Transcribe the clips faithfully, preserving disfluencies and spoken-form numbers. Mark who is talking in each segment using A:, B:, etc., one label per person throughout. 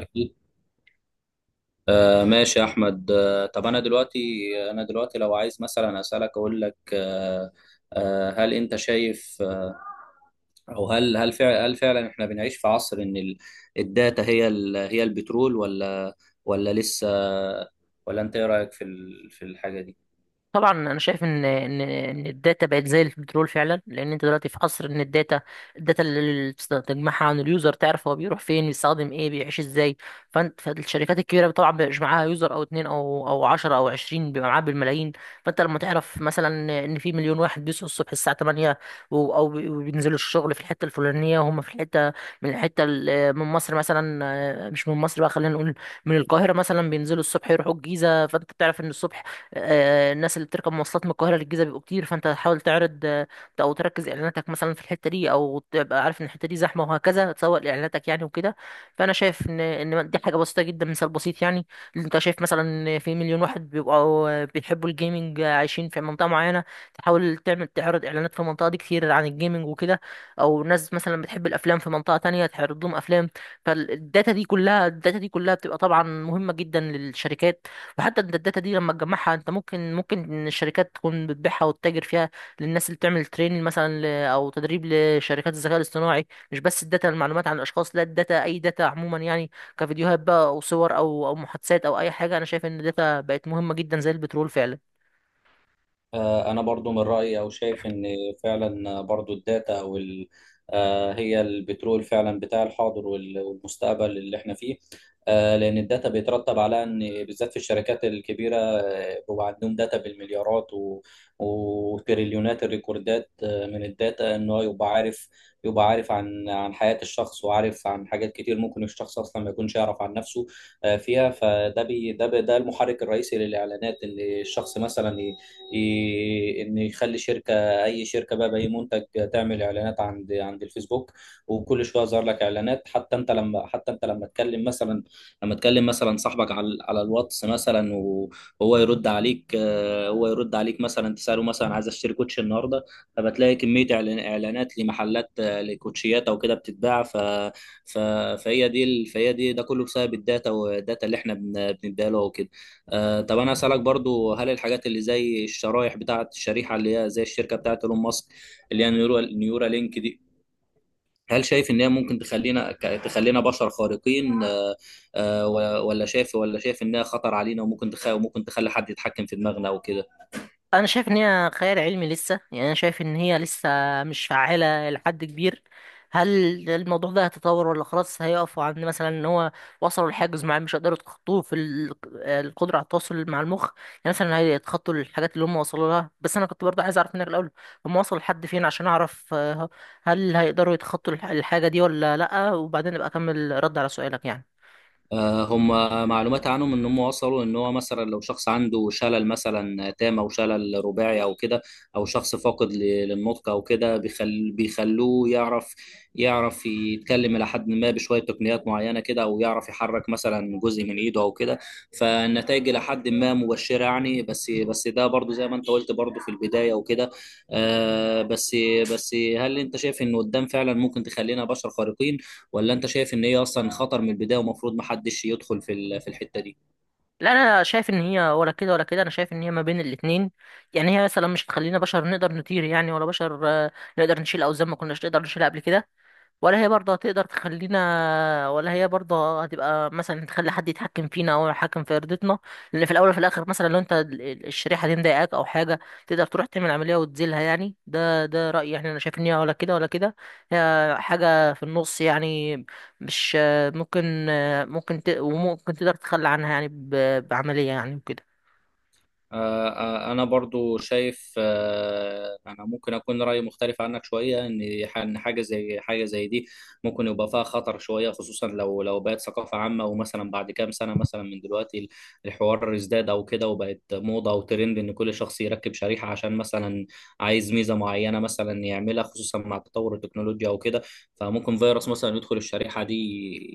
A: أكيد. آه ماشي يا أحمد. آه طب أنا دلوقتي أنا دلوقتي لو عايز مثلا أسألك، أقول لك آه آه هل أنت شايف؟ آه أو هل هل فعلا هل فعلا إحنا بنعيش في عصر إن ال- الداتا هي ال هي البترول، ولا ولا لسه، ولا أنت إيه رأيك في ال- في الحاجة دي؟
B: طبعا انا شايف ان ان ان الداتا بقت زي البترول فعلا، لان انت دلوقتي في عصر ان الداتا الداتا اللي بتست- تجمعها عن اليوزر، تعرف هو بيروح فين، بيستخدم ايه، بيعيش ازاي. فانت فالشركات الكبيره طبعا بيبقاش معاها يوزر او اتنين او او عشر او عشرين، بيبقى معاها بالملايين. فانت لما تعرف مثلا ان في مليون واحد بيصحوا الصبح الساعه ثمانية، و- او بي- وبينزلوا الشغل في الحته الفلانيه، وهم في الحته من الحته ال- من مصر مثلا، آه، مش من مصر بقى، خلينا نقول من القاهره مثلا، بينزلوا الصبح يروحوا الجيزه. فانت بتعرف ان الصبح آه، الناس اللي بتركب مواصلات من القاهرة للجيزة بيبقوا كتير، فانت حاول تعرض آه، او تركز اعلاناتك مثلا في الحتة دي، او تبقى عارف ان الحتة دي زحمة، وهكذا تسوق لاعلاناتك يعني وكده. فانا شايف ان ان دي حاجة بسيطة جدا، مثال بسيط يعني. اللي انت شايف مثلا إن في مليون واحد بيبقوا آه، بيحبوا الجيمنج، آه، عايشين في منطقة معينة، تحاول تعمل تعرض اعلانات في المنطقة دي كتير عن الجيمنج وكده، او ناس مثلا بتحب الافلام في منطقة تانية، تعرض لهم افلام. فالداتا دي كلها الداتا دي كلها بتبقى طبعا مهمة جدا للشركات. وحتى انت الداتا دي لما تجمعها انت، ممكن ممكن الشركات تكون بتبيعها وتتاجر فيها للناس اللي بتعمل تريننج مثلا، ل- او تدريب لشركات الذكاء الاصطناعي. مش بس الداتا المعلومات عن الاشخاص، لا، الداتا، اي داتا عموما يعني، كفيديوهات بقى او صور او او محادثات او اي حاجه. انا شايف ان الداتا بقت مهمه جدا زي البترول فعلا.
A: آه، أنا برضو من رأيي، أو شايف إن فعلا برضو الداتا أو ال- آه، هي البترول فعلا بتاع الحاضر وال- والمستقبل اللي إحنا فيه. آه، لأن الداتا بيترتب على إن بالذات في الشركات الكبيرة آه، بيبقى عندهم داتا بالمليارات و- وتريليونات الريكوردات آه، من الداتا، إن هو يبقى عارف، يبقى عارف عن عن حياة الشخص، وعارف عن حاجات كتير ممكن الشخص أصلا ما يكونش يعرف عن نفسه. آه، فيها فده بي ده بي- ده المحرك الرئيسي للإعلانات. إن الشخص مثلا ي- ان يخلي شركه اي شركه بقى باي منتج، تعمل اعلانات عند عند الفيسبوك، وكل شويه يظهر لك اعلانات. حتى انت لما حتى انت لما تكلم مثلا لما تكلم مثلا صاحبك على على الواتس مثلا، وهو يرد عليك آه، هو يرد عليك مثلا، تساله مثلا عايز اشتري كوتش النهارده، فبتلاقي كميه إعلان- اعلانات لمحلات، آه، لكوتشيات او كده بتتباع. ف ف- فهي دي ال- فهي دي ده كله بسبب الداتا، والداتا اللي احنا بن- بنديها له وكده. آه، طب انا اسالك برضو، هل الحاجات اللي زي الشرايح، بتاعه الشريحه اللي هي زي الشركه بتاعه ايلون ماسك، اللي هي نيورا نيورا لينك دي، هل شايف ان هي ممكن تخلينا ك- تخلينا بشر خارقين؟ آه، آه، و- ولا شايف ولا شايف انها خطر علينا، وممكن تخ... وممكن تخلي حد يتحكم في دماغنا وكده؟
B: انا شايف ان هي خيال علمي لسه يعني، انا شايف ان هي لسه مش فعالة لحد كبير. هل الموضوع ده هيتطور ولا خلاص هيقفوا عند مثلا ان هو وصلوا لحاجز معين مش هيقدروا يتخطوه في ال- القدرة على التواصل مع المخ يعني؟ مثلا هيتخطوا الحاجات اللي هم وصلوا لها؟ بس انا كنت برضه عايز اعرف منك الاول هم وصلوا لحد فين، عشان اعرف آه، هل هيقدروا يتخطوا الح- الحاجة دي ولا لا، وبعدين ابقى اكمل رد على سؤالك يعني.
A: آه، هم معلومات عنهم ان هم وصلوا، ان هو مثلا لو شخص عنده شلل مثلا تام او شلل رباعي او كده، او شخص فاقد ل- للنطق او كده، بيخل بيخلوه يعرف، يعرف يتكلم الى حد ما بشويه تقنيات معينه كده، او يعرف يحرك مثلا جزء من ايده او كده. فالنتائج الى حد ما مبشره يعني، بس بس ده برضو زي ما انت قلت برضو في البدايه وكده. آه بس بس هل انت شايف ان قدام فعلا ممكن تخلينا بشر خارقين، ولا انت شايف ان هي اصلا خطر من البدايه، ومفروض محدش يدخل في ال- في الحته دي؟
B: لا، انا شايف ان هي ولا كده ولا كده، انا شايف ان هي ما بين الاتنين. يعني هي مثلا مش هتخلينا بشر نقدر نطير يعني، ولا بشر آه، نقدر نشيل اوزان ما كناش نقدر نشيلها قبل كده، ولا هي برضه هتقدر تخلينا، ولا هي برضه هتبقى مثلا تخلي حد يتحكم فينا او يتحكم في ارادتنا. لان في الاول وفي الاخر مثلا لو انت ال- ال- الشريحه دي مضايقاك او حاجه تقدر تروح تعمل عمليه وتزيلها يعني. ده ده رايي يعني. انا شايف ان هي ولا كده ولا كده، هي حاجه في النص يعني. مش ممكن، ممكن ت... وممكن تقدر تتخلى عنها يعني، ب... بعمليه يعني وكده.
A: آه، آه، انا برضو شايف، آه، انا ممكن اكون رايي مختلف عنك شويه. ان ح- إن حاجه زي حاجه زي دي ممكن يبقى فيها خطر شويه، خصوصا لو لو بقت ثقافه عامه، ومثلا بعد كام سنه مثلا من دلوقتي الحوار ازداد او كده، وبقت موضه وترند، ان كل شخص يركب شريحه عشان مثلا عايز ميزه معينه مثلا يعملها، خصوصا مع تطور التكنولوجيا او كده. فممكن فيروس مثلا يدخل الشريحه دي،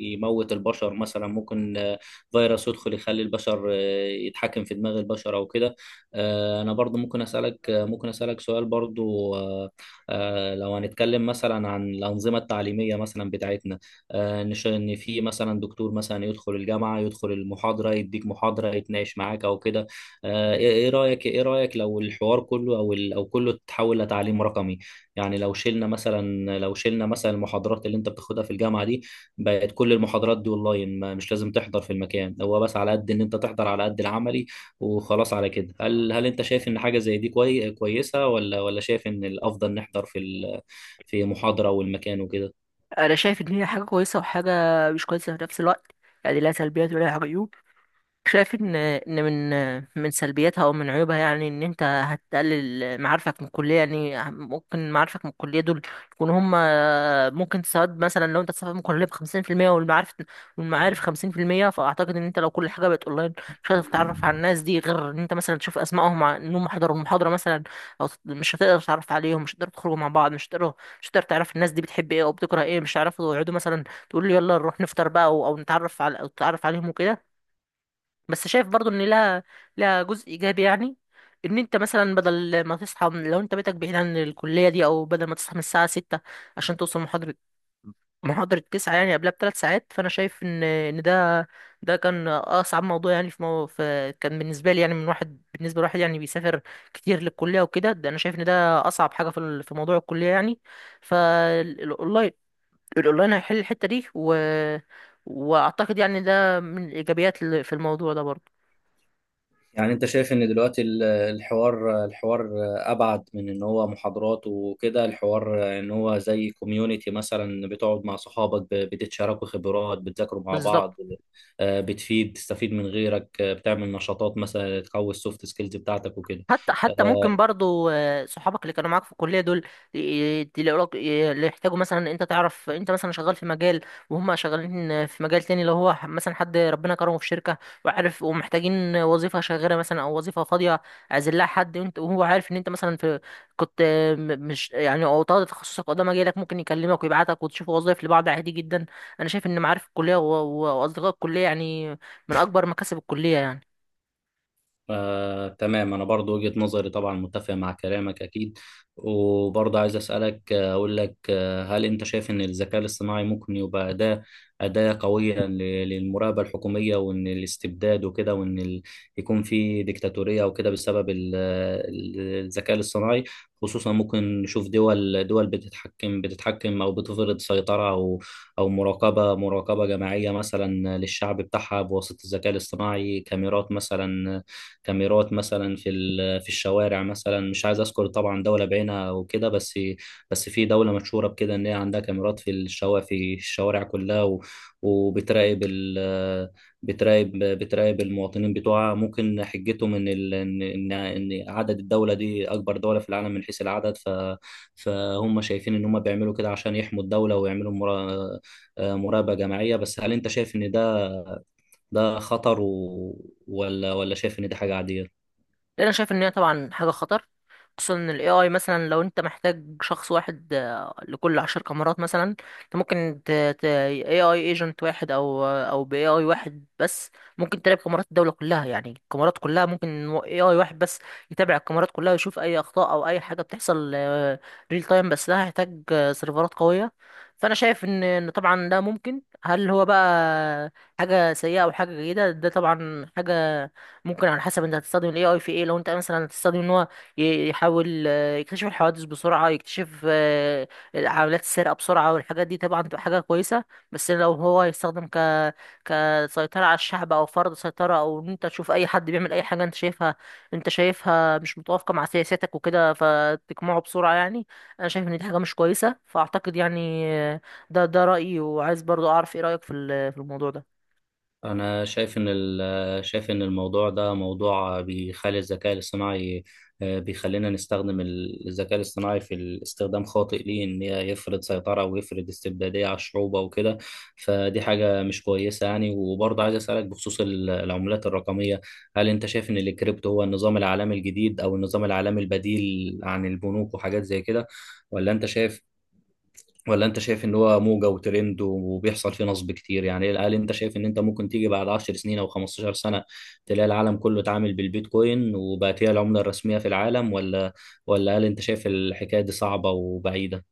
A: يموت البشر مثلا، ممكن آه، فيروس يدخل يخلي البشر آه، يتحكم في دماغ البشر او كده. آه، انا برضو ممكن اسالك آه، ممكن اسالك سؤال برضو. آه، آه، لو هنتكلم مثلا عن الانظمه التعليميه مثلا بتاعتنا، آه، نش- ان في مثلا دكتور مثلا يدخل الجامعه، يدخل المحاضره، يديك محاضره، يتناقش معاك او كده، آه، ايه إيه رايك ايه رايك لو الحوار كله او ال- او كله تحول لتعليم رقمي؟ يعني لو شلنا مثلا لو شلنا مثلا المحاضرات اللي انت بتاخدها في الجامعه دي، بقت كل المحاضرات دي اونلاين، ما- مش لازم تحضر في المكان، هو بس على قد ان انت تحضر على قد العملي وخلاص. على كده، هل هل انت شايف ان حاجه زي دي كوي... كويسه، ولا ولا شايف ان الافضل نحضر في ال... في محاضره والمكان وكده؟
B: انا شايف ان هي حاجه كويسه وحاجه مش كويسه في نفس الوقت، يعني لا سلبيات ولا عيوب. شايف ان ان من من سلبياتها او من عيوبها يعني ان انت هتقلل معارفك من الكليه، يعني ممكن معارفك من الكليه دول يكونوا هم، ممكن تساعد مثلا لو انت تسافر من الكليه بخمسين في المية، والمعارف والمعارف خمسين في المية. فاعتقد ان انت لو كل حاجه بقت اونلاين مش هتقدر تتعرف على الناس دي غير ان انت مثلا تشوف اسمائهم ع- انهم حضروا المحاضره مثلا، او تت- مش هتقدر تتعرف عليهم، مش هتقدر تخرجوا مع بعض، مش هتقدر مش هتقدر تعرف الناس دي بتحب ايه او بتكره ايه، مش هتعرفوا يقعدوا مثلا تقول يلا نروح نفطر بقى، او أو نتعرف على او تتعرف عليهم وكده. بس شايف برضو ان لها لها جزء ايجابي يعني، ان انت مثلا بدل ما تصحى من، لو انت بيتك بعيد عن الكليه دي، او بدل ما تصحى من الساعه ستة عشان توصل محاضره محاضره تسعة، يعني قبلها بثلاث ساعات. فانا شايف ان ان ده ده كان اصعب موضوع يعني، في, مو... في كان بالنسبه لي يعني، من واحد بالنسبه لواحد يعني بيسافر كتير للكليه وكده. ده انا شايف ان ده اصعب حاجه في ال- في موضوع الكليه يعني. فالاونلاين الاونلاين هيحل الحته دي، و... واعتقد يعني ده من الايجابيات اللي في الموضوع ده برضو.
A: يعني انت شايف ان دلوقتي ال- الحوار الحوار ابعد من ان هو محاضرات وكده، الحوار ان هو زي كوميونيتي، مثلا بتقعد مع صحابك، ب- بتتشاركوا خبرات، بتذاكروا مع
B: بالظبط.
A: بعض، آه، بتفيد تستفيد من غيرك، آه، بتعمل نشاطات مثلا تقوي السوفت سكيلز بتاعتك وكده.
B: حتى حتى
A: آه،
B: ممكن برضو آه، صحابك اللي كانوا معاك في الكليه دول ي- تلاقوا ي- اللي يحتاجوا مثلا، انت تعرف انت مثلا شغال في مجال وهم شغالين في مجال تاني، لو هو مثلا حد ربنا كرمه في شركه وعارف ومحتاجين وظيفه شاغره مثلا او وظيفه فاضيه عايزين لها حد، وانت وهو عارف ان انت مثلا في، كنت آه، م- مش يعني او طالب تخصصك قدام مجالك، ممكن يكلمك ويبعتك وتشوفوا وظائف لبعض عادي جدا. انا شايف ان معارف الكليه و- و- واصدقاء الكليه يعني من اكبر مكاسب الكليه يعني.
A: آه، تمام، أنا برضو وجهة نظري طبعا متفق مع كلامك، أكيد. وبرضو عايز أسألك، آه، أقول لك آه، هل أنت شايف إن الذكاء الاصطناعي ممكن يبقى أداة، أداة قوية ل- للمراقبة الحكومية، وإن الاستبداد وكده، وإن ال... يكون في ديكتاتورية وكده بسبب ال... ال- الذكاء الاصطناعي؟ خصوصا ممكن نشوف دول دول بتتحكم بتتحكم، أو بتفرض سيطرة، أو أو مراقبة مراقبة جماعية مثلا للشعب بتاعها بواسطة الذكاء الاصطناعي. كاميرات مثلا كاميرات مثلا في ال- في الشوارع مثلا. مش عايز اذكر طبعا دوله بعينها وكده، بس بس في دوله مشهوره بكده ان هي عندها كاميرات في الشوارع، في الشوارع كلها، و- وبتراقب ال بتراقب بتراقب المواطنين بتوعها. ممكن حجتهم ان ال- ان ان إن عدد الدوله دي اكبر دوله في العالم من حيث العدد. ف فهم شايفين ان هم بيعملوا كده عشان يحموا الدوله، ويعملوا مرا- مراقبه جماعيه. بس هل انت شايف ان ده ده خطر، و... ولا ولا شايف ان دي حاجه عاديه؟
B: لأن انا شايف ان هي طبعا حاجه خطر، خصوصا ان الاي اي، مثلا لو انت محتاج شخص واحد آه، لكل عشر كاميرات مثلا، انت ممكن ت ت اي اي ايجنت واحد او آه، او باي اي واحد بس ممكن تراقب كاميرات الدوله كلها يعني، الكاميرات كلها ممكن اي اي واحد بس يتابع الكاميرات كلها، ويشوف اي اخطاء او اي حاجه بتحصل ريل تايم. بس ده هيحتاج آه، سيرفرات قويه. فانا شايف ان ان طبعا ده ممكن. هل هو بقى حاجه سيئه او حاجه جيده؟ ده طبعا حاجه ممكن على حسب انت هتستخدم الاي اي في ايه. لو انت مثلا هتستخدم ان هو ي- يحاول آه، يكتشف الحوادث بسرعة، يكتشف آه، عمليات السرقة بسرعة والحاجات دي طبعا تبقى حاجة كويسة. بس لو هو يستخدم ك كسيطرة على الشعب أو فرض سيطرة، أو إن أنت تشوف أي حد بيعمل أي حاجة أنت شايفها أنت شايفها مش متوافقة مع سياساتك وكده فتقمعه بسرعة يعني. أنا شايف إن دي حاجة مش كويسة. فأعتقد يعني آه، ده ده رأيي، وعايز برضو أعرف إيه رأيك في ال- في الموضوع ده.
A: أنا شايف إن ال- شايف إن الموضوع ده موضوع بيخلي الذكاء الاصطناعي، بيخلينا نستخدم الذكاء الاصطناعي في الاستخدام خاطئ، ليه؟ إن هي يفرض سيطرة ويفرض استبدادية على الشعوب وكده، فدي حاجة مش كويسة يعني. وبرضه عايز أسألك بخصوص ال- العملات الرقمية، هل أنت شايف إن الكريبتو هو النظام العالمي الجديد، أو النظام العالمي البديل عن البنوك وحاجات زي كده، ولا أنت شايف ولا انت شايف ان هو موجة وترند وبيحصل فيه نصب كتير يعني؟ هل انت شايف ان انت ممكن تيجي بعد 10 سنين او 15 سنة، تلاقي العالم كله اتعامل بالبيتكوين وبقت هي العملة الرسمية في العالم، ولا ولا هل انت شايف الحكاية دي صعبة وبعيدة؟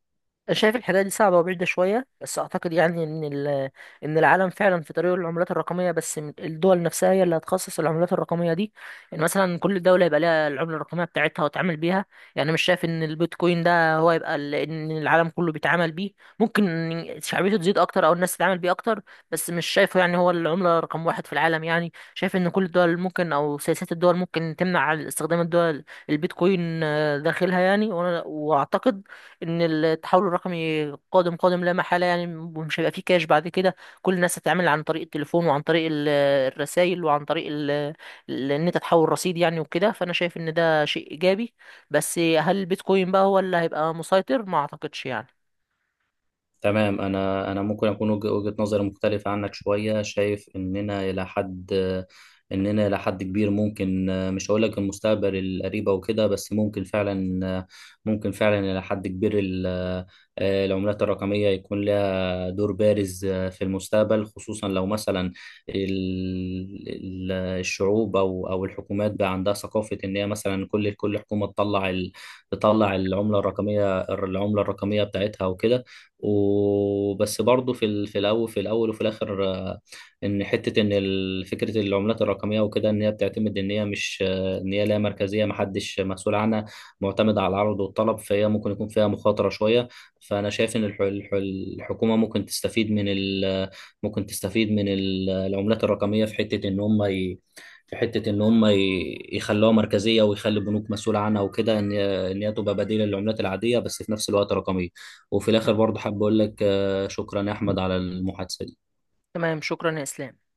B: شايف الحكايه دي صعبه وبعيده شويه، بس اعتقد يعني ان ال- ان العالم فعلا في طريق العملات الرقميه. بس م- الدول نفسها هي اللي هتخصص العملات الرقميه دي. يعني مثلا كل دوله يبقى ليها العمله الرقميه بتاعتها وتعامل بيها. يعني مش شايف ان البيتكوين ده هو يبقى ال- ان العالم كله بيتعامل بيه. ممكن شعبيته تزيد اكتر او الناس تتعامل بيه اكتر، بس مش شايفه يعني هو العمله رقم واحد في العالم يعني. شايف ان كل الدول ممكن، او سياسات الدول ممكن تمنع استخدام الدول البيتكوين آه، داخلها يعني. وأنا- واعتقد ان التحول الرقمي قادم قادم لا محاله يعني، ومش هيبقى فيه كاش بعد كده. كل الناس هتتعامل عن طريق التليفون وعن طريق الرسائل وعن طريق ال- ال- ان انت تحول رصيد يعني وكده. فانا شايف ان ده شيء ايجابي. بس هل البيتكوين بقى هو اللي هيبقى مسيطر؟ ما اعتقدش يعني.
A: تمام، انا انا ممكن اكون وجه- وجهة نظري مختلفة عنك شوية، شايف اننا الى حد اننا الى حد كبير ممكن. مش هقول لك المستقبل القريب او كده، بس ممكن فعلا ممكن فعلا الى حد كبير، ال- آه، العملات الرقمية يكون لها دور بارز آه، في المستقبل، خصوصا لو مثلا ال- ال- الشعوب او او الحكومات، بقى عندها ثقافه ان هي مثلا كل كل حكومه تطلع ال- تطلع العمله الرقميه العمله الرقميه بتاعتها وكده. وبس برضه في ال- في الاول في الاول وفي الاخر، آه، ان حته ان ال- فكره العملات الرقميه وكده، ان هي بتعتمد ان هي مش آه، ان هي لا مركزيه، محدش مسؤول عنها، معتمده على العرض والطلب، فهي ممكن يكون فيها مخاطره شويه. فانا شايف ان الح- الح- الحكومه ممكن تستفيد من ال ممكن تستفيد من ال- العملات الرقميه، في حته ان هم ي... في حته ان هم ي... يخلوها مركزيه، ويخلي البنوك مسؤوله عنها وكده، ان ان هي تبقى بديله للعملات العاديه، بس في نفس الوقت رقميه. وفي الاخر برضه حابب اقول لك آه، شكرا يا احمد على المحادثه دي.
B: تمام، شكرا يا اسلام.